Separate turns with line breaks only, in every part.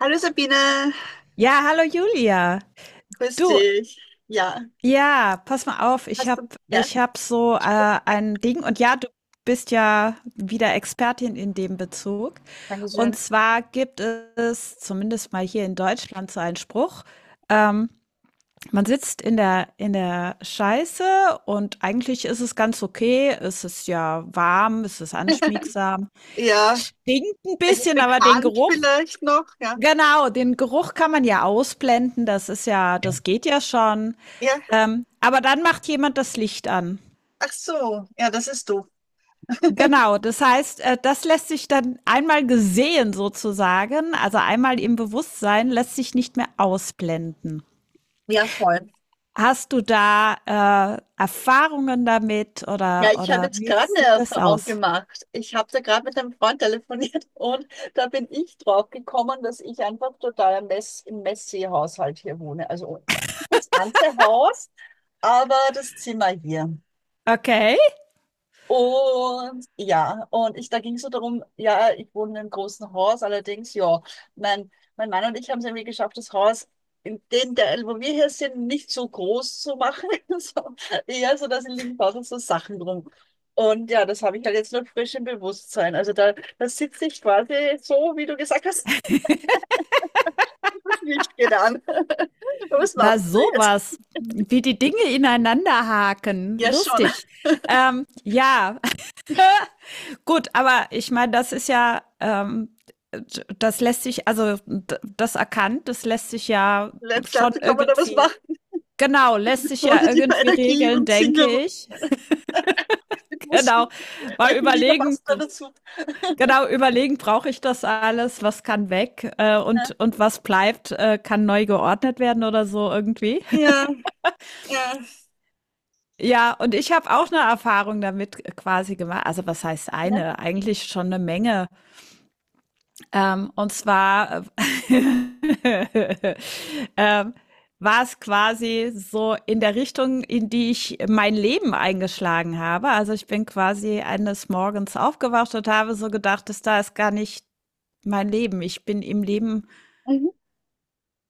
Hallo Sabine,
Ja, hallo Julia.
grüß
Du,
dich. Ja,
ja, pass mal auf, ich
hast du,
hab,
ja,
ich hab so ein Ding und ja, du bist ja wieder Expertin in dem Bezug. Und
dankeschön.
zwar gibt es zumindest mal hier in Deutschland so einen Spruch, ähm, man sitzt in der Scheiße und eigentlich ist es ganz okay. Es ist ja warm, es ist anschmiegsam,
Ja,
stinkt ein
es ist
bisschen, aber den
bekannt
Geruch.
vielleicht noch, ja.
Genau, den Geruch kann man ja ausblenden, das geht ja schon.
Ja,
Aber dann macht jemand das Licht an.
ach so, ja, das ist du.
Genau, das heißt, das lässt sich dann einmal gesehen sozusagen, also einmal im Bewusstsein, lässt sich nicht mehr ausblenden.
Ja, voll.
Hast du da Erfahrungen damit
Ja, ich habe
oder
jetzt
wie
gerade eine
sieht das
Erfahrung
aus?
gemacht. Ich habe da gerade mit einem Freund telefoniert und da bin ich drauf gekommen, dass ich einfach total im Messi-Haushalt hier wohne. Also das ganze Haus, aber das Zimmer hier.
Okay,
Und ja, und ich, da ging es so darum, ja, ich wohne in einem großen Haus, allerdings, ja, mein Mann und ich haben es irgendwie geschafft, das Haus in den Teil, wo wir hier sind, nicht so groß zu machen. So, eher so, dass in liegen draußen so Sachen rum. Und ja, das habe ich halt jetzt noch frisch im Bewusstsein. Also da sitze ich quasi so, wie du gesagt hast, das Licht geht an. Was
na
machen wir jetzt?
sowas, wie die Dinge ineinander haken,
Ja, schon.
lustig. Ähm, ja, Gut, aber ich meine, das lässt sich, also das erkannt, das lässt sich ja
Vielleicht,
schon
kann man da was
irgendwie,
machen?
genau, lässt sich ja
Positive
irgendwie
Energie
regeln,
und
denke
singen und
ich.
mit
Genau,
Musik.
mal
Welche Lieder
überlegen,
passen da dazu?
genau, überlegen, brauche ich das alles, was kann weg
Ja.
und was bleibt, kann neu geordnet werden oder so irgendwie.
Ja, ja.
Ja, und ich habe auch eine Erfahrung damit quasi gemacht. Also was heißt
Ja.
eine? Eigentlich schon eine Menge. Und zwar äh, ähm, war es quasi so in der Richtung, in die ich mein Leben eingeschlagen habe. Also ich bin quasi eines Morgens aufgewacht und habe so gedacht, das da ist gar nicht mein Leben. Ich bin im Leben
Mhm.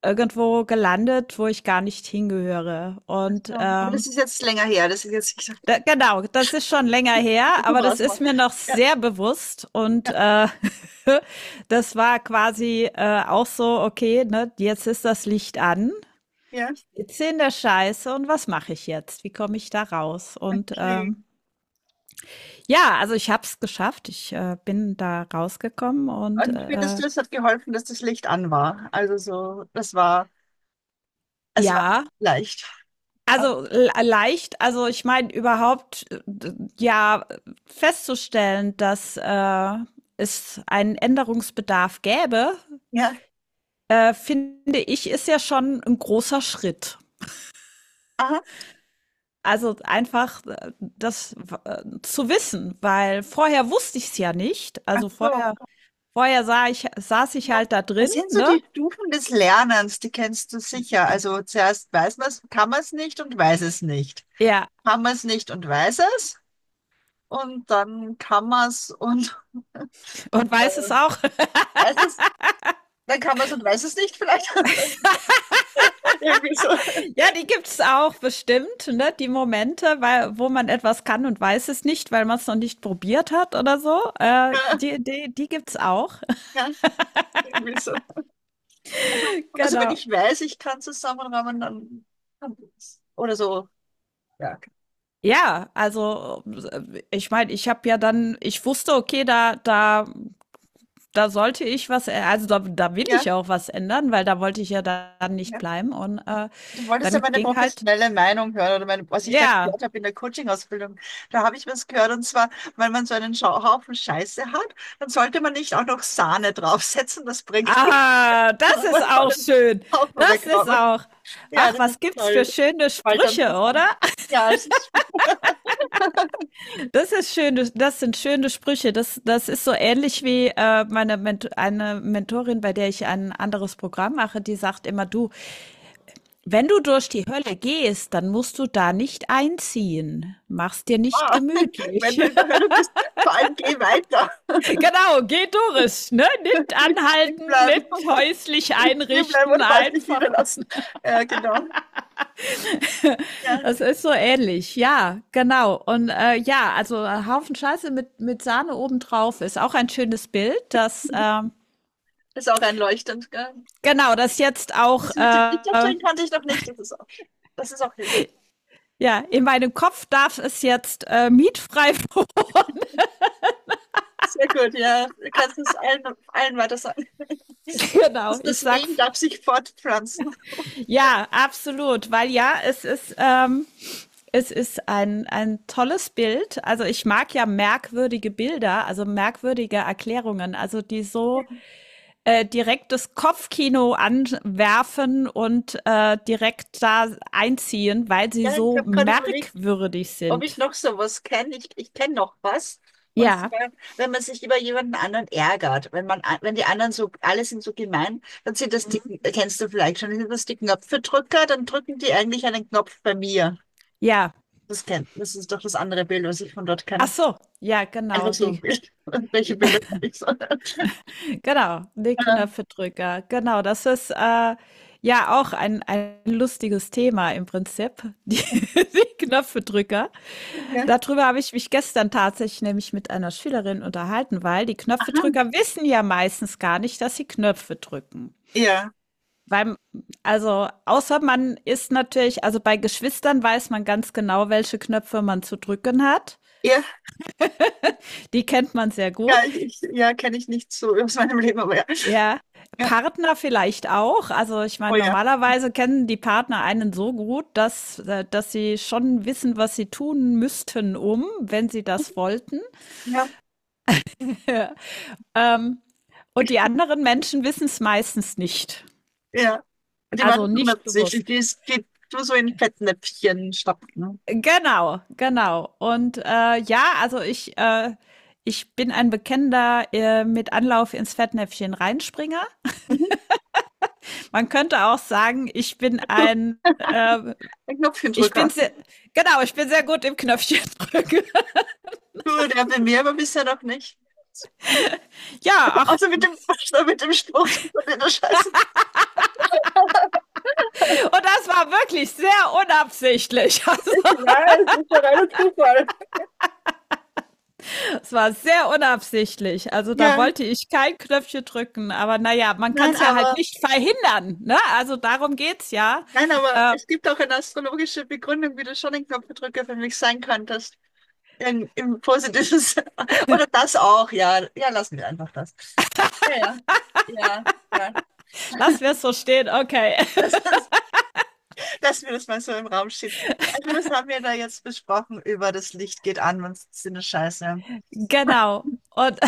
irgendwo gelandet, wo ich gar nicht hingehöre.
Ach so. Aber das ist jetzt länger her, das ist jetzt, ich sag,
Da, genau, das ist schon länger her,
so
aber
war
das
es mal.
ist mir noch
Ja,
sehr bewusst und
ja,
das war quasi auch so, okay, ne, jetzt ist das Licht an,
ja,
ich sitze in der Scheiße und was mache ich jetzt? Wie komme ich da raus?
okay.
Ja, also ich habe es geschafft, ich bin da rausgekommen und
Und findest du, es hat geholfen, dass das Licht an war? Also so, das war, es war
ja.
leicht. Ah,
Also, l leicht also, ich meine überhaupt, d ja, festzustellen, dass es einen Änderungsbedarf gäbe,
ja,
finde ich, ist ja schon ein großer Schritt.
aha,
Also, einfach, das zu wissen, weil vorher wusste ich es ja nicht.
ach
Also,
so,
vorher vorher sah ich saß ich
ja.
halt da drin,
Das sind so
ne?
die Stufen des Lernens, die kennst du sicher. Also zuerst weiß man es, kann man es nicht und weiß es nicht.
Ja,
Kann man es nicht und weiß es, und dann kann man es und
und weiß es auch.
weiß es. Dann kann man es und weiß es nicht vielleicht. Irgendwie so.
Ja, die gibt's auch bestimmt, ne? Die Momente, weil, wo man etwas kann und weiß es nicht, weil man es noch nicht probiert hat oder so.
Ja,
Die gibt's auch.
ja, irgendwie so. Also wenn
Genau.
ich weiß, ich kann zusammenrahmen, dann kann ich es. Oder so. Ja.
Ja, also ich meine, ich habe ja dann, ich wusste, okay, da sollte ich was, also da will
Ja,
ich auch was ändern, weil da wollte ich ja dann nicht
ja.
bleiben.
Du wolltest ja
Dann
meine
ging halt,
professionelle Meinung hören, oder meine, was ich da
ja.
gehört habe in der Coaching-Ausbildung. Da habe ich was gehört, und zwar, wenn man so einen Haufen Scheiße hat, dann sollte man nicht auch noch Sahne draufsetzen, das bringt nichts,
Ah, das
sondern man
ist
soll
auch
einen
schön.
Haufen
Das ist
wegräumen.
auch.
Ja,
Ach,
das ist
was gibt's
toll.
für
Das
schöne
fällt dann
Sprüche,
was
oder?
hin. Ja, es ist.
Das ist schön, das, das sind schöne Sprüche. Das, das ist so ähnlich wie meine Ment eine Mentorin, bei der ich ein anderes Programm mache, die sagt immer, du, wenn du durch die Hölle gehst, dann musst du da nicht einziehen. Mach's dir nicht
Ah, wenn
gemütlich.
du in der Hölle bist, vor allem geh weiter.
Genau, geh durch, ne? Nicht
Nicht stehen
anhalten,
bleiben.
nicht häuslich
Nicht stehen bleiben
einrichten,
und halt nicht
einfach.
niederlassen. Ja, genau. Ja,
Das ist so ähnlich, ja, genau. Und ja, also ein Haufen Scheiße mit Sahne obendrauf ist auch ein schönes Bild, das.
ist auch einleuchtend, gell?
Genau, das jetzt auch,
Das mit dem Lichtaufstellen kannte ich noch nicht. Das ist auch hilfreich.
ja, in meinem Kopf darf es jetzt mietfrei wohnen.
Sehr gut, ja. Du kannst es allen, allen weiter sagen.
Genau,
Das,
ich
das Meme
sag's.
darf sich fortpflanzen.
Ja, absolut, weil ja, es ist ein tolles Bild. Also ich mag ja merkwürdige Bilder, also merkwürdige Erklärungen, also die so direkt das Kopfkino anwerfen und direkt da einziehen, weil sie
Ja, ich
so
habe gerade überlegt,
merkwürdig
ob ich
sind.
noch sowas kenne. Ich kenne noch was. Und
Ja,
zwar, wenn man sich über jemanden anderen ärgert, wenn man, wenn die anderen so, alle sind so gemein, dann sind das die, kennst du vielleicht schon, sind das die Knopfedrücker, dann drücken die eigentlich einen Knopf bei mir.
ja.
Das kennt, das ist doch das andere Bild, was ich von dort
Ach
kenne.
so, ja,
Einfach
genau.
so ein
Die.
Bild. Welche
Ja,
Bilder kann ich so?
genau, die
Ah,
Knöpfedrücker. Genau, das ist, ja auch ein lustiges Thema im Prinzip, die die Knöpfedrücker.
ja,
Dadrüber habe ich mich gestern tatsächlich nämlich mit einer Schülerin unterhalten, weil die
aha.
Knöpfedrücker wissen ja meistens gar nicht, dass sie Knöpfe drücken.
Ja,
Weil Also, außer man ist natürlich also, bei Geschwistern weiß man ganz genau, welche Knöpfe man zu drücken hat.
ja,
Die kennt man sehr gut.
ja, ja, kenne ich nicht so aus meinem Leben, aber ja.
Ja,
Ja,
Partner vielleicht auch. Also ich
oh
meine,
ja,
normalerweise kennen die Partner einen so gut, dass sie schon wissen, was sie tun müssten, um, wenn sie das wollten.
ja,
Ja. Ähm, und die anderen Menschen wissen es meistens nicht.
ja. Die
Also
machen
nicht
160.
bewusst.
Die ist, geht nur so in Fettnäpfchen stopfen.
Genau, genau. Und ja, also ich bin ein bekennender mit Anlauf ins Fettnäpfchen reinspringer.
Mhm.
Man könnte auch sagen, ich bin ein
Ein
ich bin
Knopfchendrücker.
sehr, genau, ich bin sehr gut im Knöpfchen drücken.
Du, der will mir aber bisher noch nicht.
Ja, ach.
Außer mit dem, mit dem Spruch, dass man den der Scheiße
Und das war wirklich sehr unabsichtlich. Also,
nicht weiß. Das war reiner Zufall.
es war sehr unabsichtlich. Also, da
Ja,
wollte ich kein Knöpfchen drücken. Aber naja, man kann
nein,
es ja halt
aber,
nicht verhindern, ne? Also, darum geht's ja.
nein, aber es gibt auch eine astrologische Begründung, wie du schon ein Knopfdrücker für mich sein könntest. Im positiven Sinne. Oder das auch, ja. Ja, lassen wir einfach das. Ja, ja, ja, ja.
Lass wir es so stehen. Okay.
Das ist. Lassen wir das mal so im Raum stehen. Also, was haben wir da jetzt besprochen über das Licht geht an, wenn es eine Scheiße?
Genau. Und,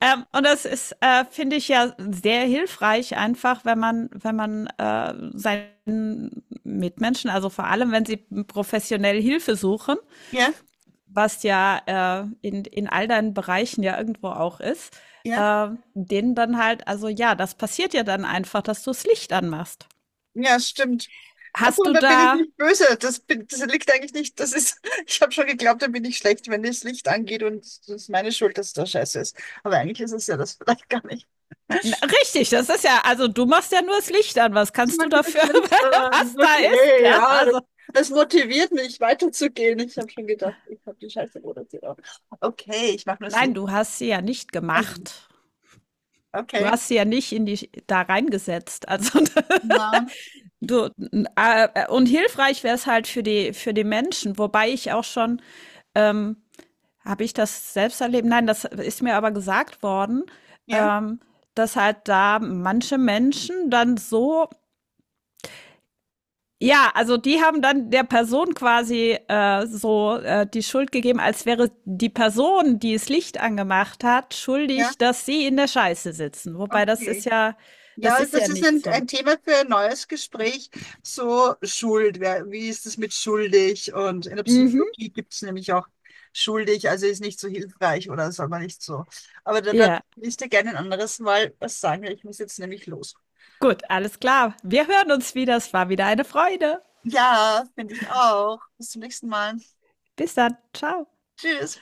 ähm, und das ist, finde ich ja sehr hilfreich, einfach, wenn man seinen Mitmenschen, also vor allem, wenn sie professionell Hilfe suchen,
Ja,
was ja in all deinen Bereichen ja irgendwo auch ist,
ja,
äh, denen dann halt, also ja, das passiert ja dann einfach, dass du das Licht anmachst.
ja, stimmt. Also,
Hast
und
du
da bin ich
da.
nicht böse. Das, bin, das liegt eigentlich nicht. Das ist, ich habe schon geglaubt, da bin ich schlecht, wenn das Licht angeht und es ist meine Schuld, dass da Scheiße ist. Aber eigentlich ist es ja das vielleicht gar nicht.
Na, richtig, das ist ja, also du machst ja nur das Licht an. Was
Ich
kannst
mach
du
das
dafür,
Licht an.
was da ist?
Okay,
Ja,
ja, das,
also.
das motiviert mich, weiterzugehen. Ich habe schon gedacht, ich habe die Scheiße produziert. Okay, ich mache nur das Licht.
Nein, du hast sie ja nicht
Also,
gemacht. Du
okay.
hast sie ja nicht in die da reingesetzt. Also
Mann,
du und hilfreich wäre es halt für die Menschen, wobei ich auch schon ähm, habe ich das selbst erlebt? Nein, das ist mir aber gesagt worden,
ja.
ähm, dass halt da manche Menschen dann so ja, also die haben dann der Person quasi so die Schuld gegeben, als wäre die Person, die das Licht angemacht hat,
Ja,
schuldig, dass sie in der Scheiße sitzen. Wobei
okay.
das
Ja,
ist
das
ja
ist
nicht
ein,
so.
ein Thema für ein neues Gespräch. So Schuld, wer, wie ist es mit schuldig? Und in der
Mhm.
Psychologie gibt es nämlich auch schuldig, also ist nicht so hilfreich oder soll man nicht so. Aber da
Ja,
will ich dir gerne ein anderes Mal was sagen. Weil ich muss jetzt nämlich los.
gut, alles klar. Wir hören uns wieder. Es war wieder eine Freude.
Ja, finde ich auch. Bis zum nächsten Mal.
Bis dann. Ciao.
Tschüss.